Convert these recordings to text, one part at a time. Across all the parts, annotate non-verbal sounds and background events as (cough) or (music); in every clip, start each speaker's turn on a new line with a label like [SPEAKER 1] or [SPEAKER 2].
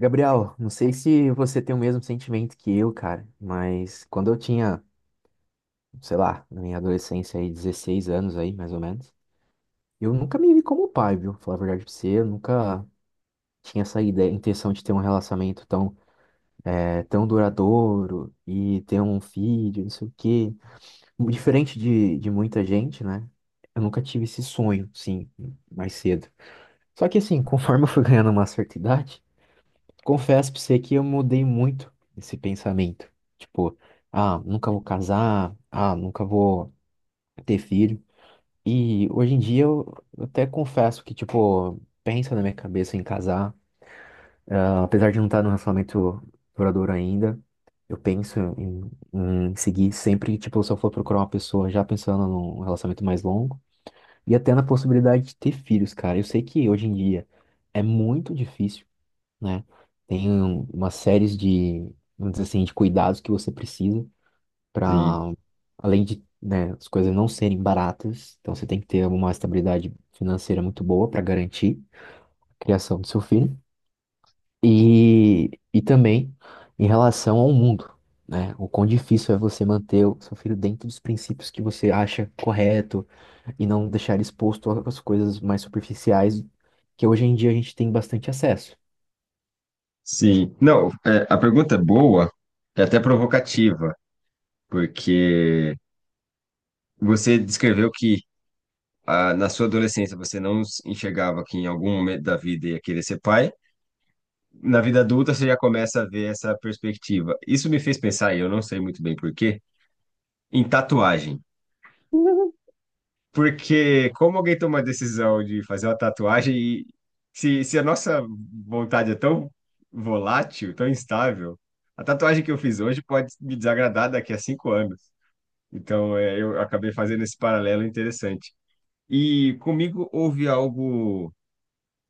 [SPEAKER 1] Gabriel, não sei se você tem o mesmo sentimento que eu, cara, mas quando eu tinha, sei lá, na minha adolescência aí, 16 anos aí, mais ou menos, eu nunca me vi como pai, viu? Falar a verdade pra você, eu nunca tinha essa ideia, intenção de ter um relacionamento tão, tão duradouro e ter um filho, não sei o quê. Diferente de muita gente, né? Eu nunca tive esse sonho, sim, mais cedo. Só que assim, (laughs) conforme eu fui ganhando uma certa idade, confesso pra você que eu mudei muito esse pensamento. Tipo, ah, nunca vou casar, ah, nunca vou ter filho. E hoje em dia eu até confesso que, tipo, penso na minha cabeça em casar. Ah, apesar de não estar num relacionamento duradouro ainda, eu penso em seguir sempre, tipo, se eu for procurar uma pessoa já pensando num relacionamento mais longo. E até na possibilidade de ter filhos, cara. Eu sei que hoje em dia é muito difícil, né? Tem uma série de, vamos dizer assim, de cuidados que você precisa
[SPEAKER 2] Sim,
[SPEAKER 1] para, além de, né, as coisas não serem baratas, então você tem que ter uma estabilidade financeira muito boa para garantir a criação do seu filho e também em relação ao mundo, né? O quão difícil é você manter o seu filho dentro dos princípios que você acha correto e não deixar ele exposto às coisas mais superficiais que hoje em dia a gente tem bastante acesso.
[SPEAKER 2] sim. Não, é, a pergunta é boa, é até provocativa, porque você descreveu que na sua adolescência você não s- enxergava que em algum momento da vida ia querer ser pai. Na vida adulta você já começa a ver essa perspectiva. Isso me fez pensar, e eu não sei muito bem por quê, em tatuagem. Porque como alguém toma a decisão de fazer uma tatuagem e se a nossa vontade é tão volátil, tão instável, a tatuagem que eu fiz hoje pode me desagradar daqui a 5 anos. Então, é, eu acabei fazendo esse paralelo interessante. E comigo houve algo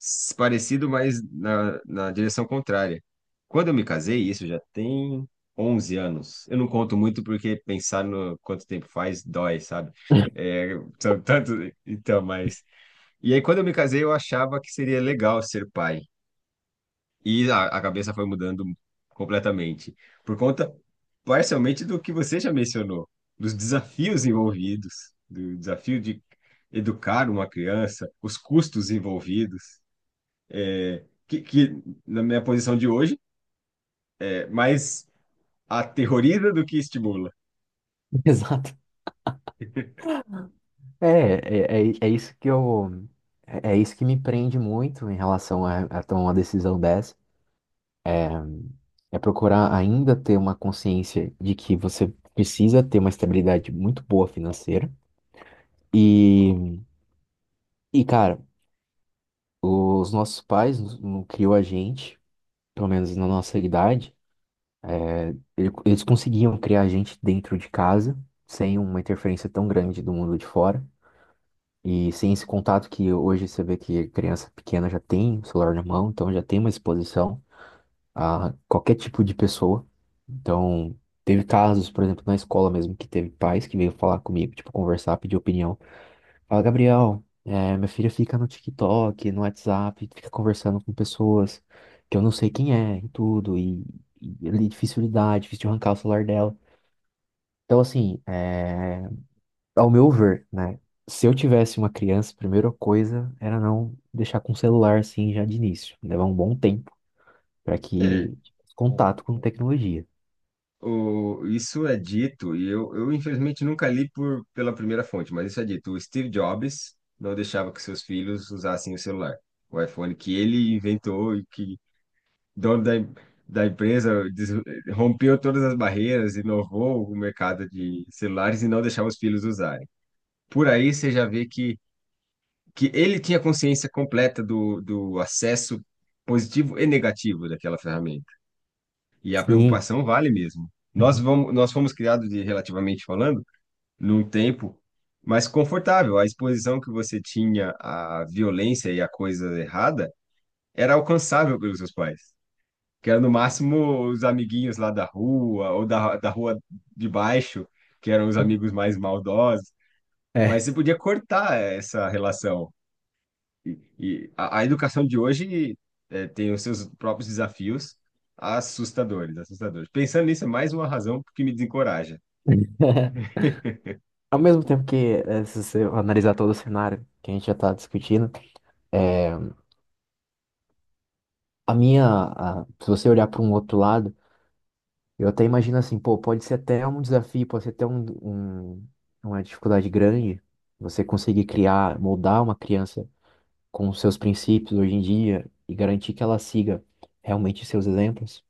[SPEAKER 2] parecido, mas na direção contrária. Quando eu me casei, isso já tem 11 anos. Eu não conto muito porque pensar no quanto tempo faz dói, sabe?
[SPEAKER 1] (laughs)
[SPEAKER 2] É, são tanto, então, mas. E aí, quando eu me casei, eu achava que seria legal ser pai. E a cabeça foi mudando completamente. Por conta, parcialmente, do que você já mencionou, dos desafios envolvidos, do desafio de educar uma criança, os custos envolvidos que na minha posição de hoje é mais aterroriza do que estimula.
[SPEAKER 1] Exato. É, é, é, é isso que eu, é isso que me prende muito em relação a tomar uma decisão dessa, é procurar ainda ter uma consciência de que você precisa ter uma estabilidade muito boa financeira e, cara, os nossos pais não criou a gente, pelo menos na nossa idade, eles conseguiam criar a gente dentro de casa, sem uma interferência tão grande do mundo de fora. E sem esse contato que hoje você vê que criança pequena já tem o celular na mão, então já tem uma exposição a qualquer tipo de pessoa. Então, teve casos, por exemplo, na escola mesmo, que teve pais que veio falar comigo, tipo, conversar, pedir opinião. Fala, Gabriel, minha filha fica no TikTok, no WhatsApp, fica conversando com pessoas que eu não sei quem é e tudo, e é difícil lidar, é difícil de arrancar o celular dela. Então, assim, ao meu ver, né? Se eu tivesse uma criança, a primeira coisa era não deixar com o celular assim já de início. Levar um bom tempo para
[SPEAKER 2] É.
[SPEAKER 1] que tipo,
[SPEAKER 2] Bom,
[SPEAKER 1] contato com tecnologia.
[SPEAKER 2] Isso é dito, e eu infelizmente nunca li pela primeira fonte, mas isso é dito. O Steve Jobs não deixava que seus filhos usassem o celular, o iPhone que ele inventou e que dono da, em- da empresa des- rompeu todas as barreiras, inovou o mercado de celulares e não deixava os filhos usarem. Por aí você já vê que ele tinha consciência completa do, do acesso positivo e negativo daquela ferramenta. E a
[SPEAKER 1] Sim.
[SPEAKER 2] preocupação vale mesmo.
[SPEAKER 1] Uhum.
[SPEAKER 2] Nós fomos criados, de, relativamente falando, num tempo mais confortável. A exposição que você tinha à violência e à coisa errada era alcançável pelos seus pais. Que era no máximo os amiguinhos lá da rua, ou da rua de baixo, que eram os amigos mais maldosos. Mas
[SPEAKER 1] É.
[SPEAKER 2] você podia cortar essa relação. E a educação de hoje tem os seus próprios desafios assustadores, assustadores. Pensando nisso, é mais uma razão que me desencoraja.
[SPEAKER 1] Ao mesmo tempo que, se você analisar todo o cenário que a gente já está discutindo, é, se você olhar para um outro lado, eu até imagino assim, pô, pode ser até um desafio, pode ser até uma dificuldade grande você conseguir criar, moldar uma criança com os seus princípios hoje em dia e garantir que ela siga realmente seus exemplos.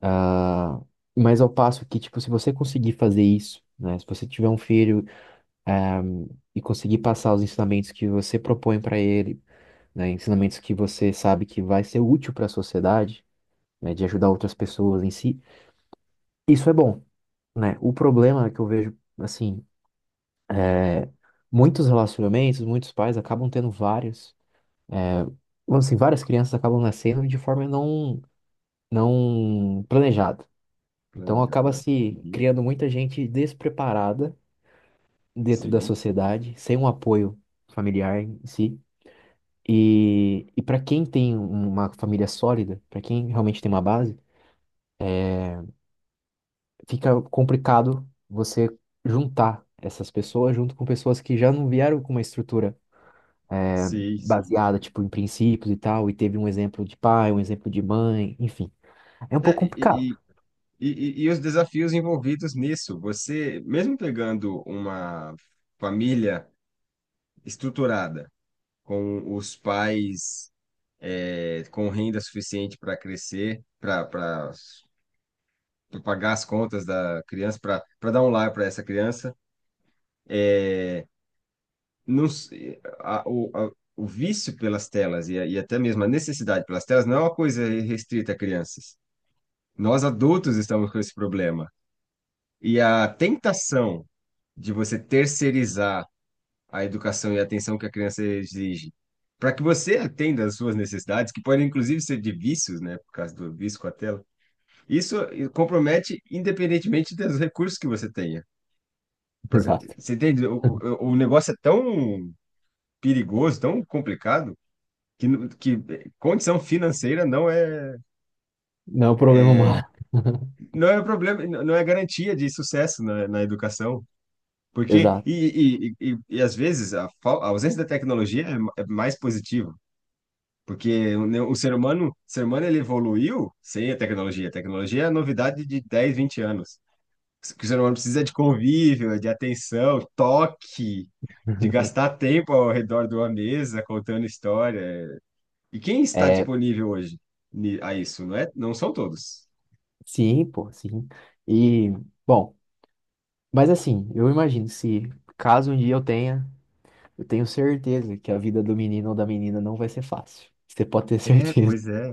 [SPEAKER 1] Ah, mas ao passo que, tipo, se você conseguir fazer isso, né, se você tiver um filho ahm, e conseguir passar os ensinamentos que você propõe para ele, né, ensinamentos que você sabe que vai ser útil para a sociedade, né, de ajudar outras pessoas em si, isso é bom, né? O problema é que eu vejo, assim, muitos relacionamentos, muitos pais acabam tendo vários, vamos assim, várias crianças acabam nascendo de forma não planejada. Então acaba
[SPEAKER 2] Planejada.
[SPEAKER 1] se
[SPEAKER 2] Uhum.
[SPEAKER 1] criando muita gente despreparada dentro da
[SPEAKER 2] Sim,
[SPEAKER 1] sociedade, sem um apoio familiar em si. E para quem tem uma família sólida, para quem realmente tem uma base, fica complicado você juntar essas pessoas junto com pessoas que já não vieram com uma estrutura é,
[SPEAKER 2] sim, sim.
[SPEAKER 1] baseada, tipo, em princípios e tal, e teve um exemplo de pai, um exemplo de mãe, enfim. É um pouco
[SPEAKER 2] É,
[SPEAKER 1] complicado.
[SPEAKER 2] e, e, e os desafios envolvidos nisso. Você, mesmo pegando uma família estruturada, com os pais com renda suficiente para crescer, para pagar as contas da criança, para dar um lar para essa criança, o vício pelas telas e até mesmo a necessidade pelas telas não é uma coisa restrita a crianças. Nós adultos estamos com esse problema. E a tentação de você terceirizar a educação e a atenção que a criança exige, para que você atenda às suas necessidades, que podem inclusive ser de vícios, né, por causa do vício com a tela, isso compromete independentemente dos recursos que você tenha.
[SPEAKER 1] (laughs) Exato.
[SPEAKER 2] Você entende? O negócio é tão perigoso, tão complicado que condição financeira
[SPEAKER 1] Não é um problema humano. (laughs)
[SPEAKER 2] não é um problema, não é garantia de sucesso na, na educação. Porque,
[SPEAKER 1] Exato.
[SPEAKER 2] e- E às vezes, a ausência da tecnologia é, é mais positiva. Porque o ser humano ele evoluiu sem a tecnologia. A tecnologia é a novidade de 10, 20 anos. O que o ser humano precisa é de convívio, é de atenção, toque, de gastar tempo ao redor de uma mesa contando história. E quem está
[SPEAKER 1] É.
[SPEAKER 2] disponível hoje a isso? Não é? Não são todos.
[SPEAKER 1] Sim, pô, sim. E, bom, mas assim, eu imagino se caso um dia eu tenha, eu tenho certeza que a vida do menino ou da menina não vai ser fácil. Você pode ter
[SPEAKER 2] É,
[SPEAKER 1] certeza.
[SPEAKER 2] pois é.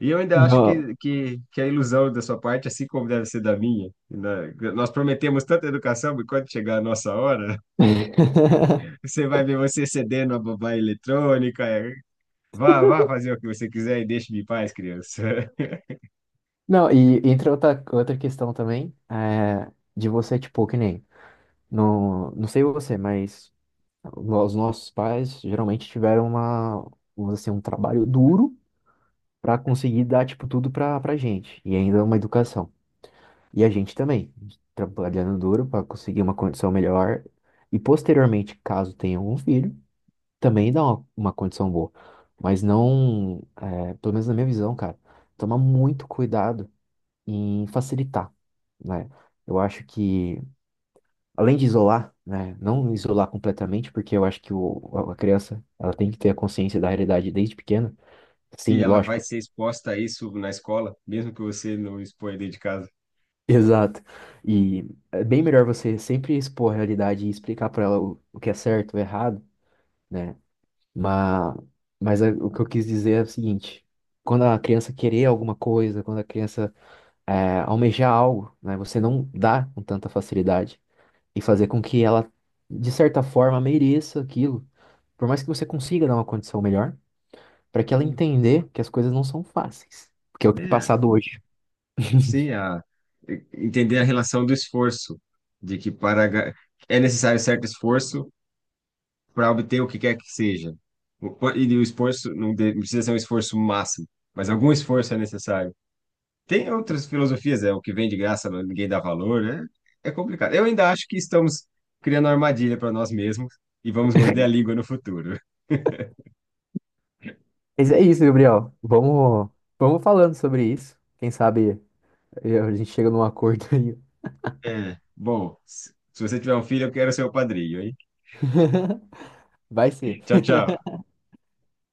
[SPEAKER 2] E eu ainda acho
[SPEAKER 1] Não.
[SPEAKER 2] que a ilusão da sua parte, assim como deve ser da minha, né? Nós prometemos tanta educação, mas quando chegar a nossa hora,
[SPEAKER 1] (laughs)
[SPEAKER 2] (laughs) você vai ver você cedendo a babá eletrônica. É, vá fazer o que você quiser e deixe-me em paz, criança. (laughs)
[SPEAKER 1] Não, e entra outra questão também, de você, tipo, que nem, não sei você, mas os nossos pais geralmente tiveram uma, vamos dizer assim, um trabalho duro para conseguir dar, tipo, tudo pra gente, e ainda uma educação. E a gente também, trabalhando duro para conseguir uma condição melhor. E posteriormente, caso tenha um filho, também dá uma condição boa. Mas não, pelo menos na minha visão, cara, tomar muito cuidado em facilitar, né? Eu acho que, além de isolar, né, não isolar completamente, porque eu acho que o, a criança, ela tem que ter a consciência da realidade desde pequena.
[SPEAKER 2] E
[SPEAKER 1] Sim,
[SPEAKER 2] ela vai
[SPEAKER 1] lógico.
[SPEAKER 2] ser exposta a isso na escola, mesmo que você não exponha dentro de casa.
[SPEAKER 1] Exato. E é bem melhor você sempre expor a realidade e explicar para ela o que é certo, o errado, né? Mas, mas o que eu quis dizer é o seguinte: quando a criança querer alguma coisa, quando a criança almejar algo, né? Você não dá com tanta facilidade e fazer com que ela, de certa forma, mereça aquilo, por mais que você consiga dar uma condição melhor, para que ela
[SPEAKER 2] Sim.
[SPEAKER 1] entender que as coisas não são fáceis, porque é o que tem
[SPEAKER 2] É,
[SPEAKER 1] passado hoje.
[SPEAKER 2] sim, a, entender a relação do esforço, de que para ga- é necessário certo esforço para obter o que quer que seja. E o esforço não precisa ser um esforço máximo, mas algum esforço é necessário. Tem outras filosofias, é o que vem de graça, mas ninguém dá valor, né? É complicado. Eu ainda acho que estamos criando armadilha para nós mesmos e vamos morder a língua no futuro.
[SPEAKER 1] Mas é isso, Gabriel. Vamos falando sobre isso. Quem sabe a gente chega num acordo (laughs) aí.
[SPEAKER 2] É. Bom, se você tiver um filho, eu quero ser o padrinho, hein?
[SPEAKER 1] Vai ser.
[SPEAKER 2] Tchau, tchau.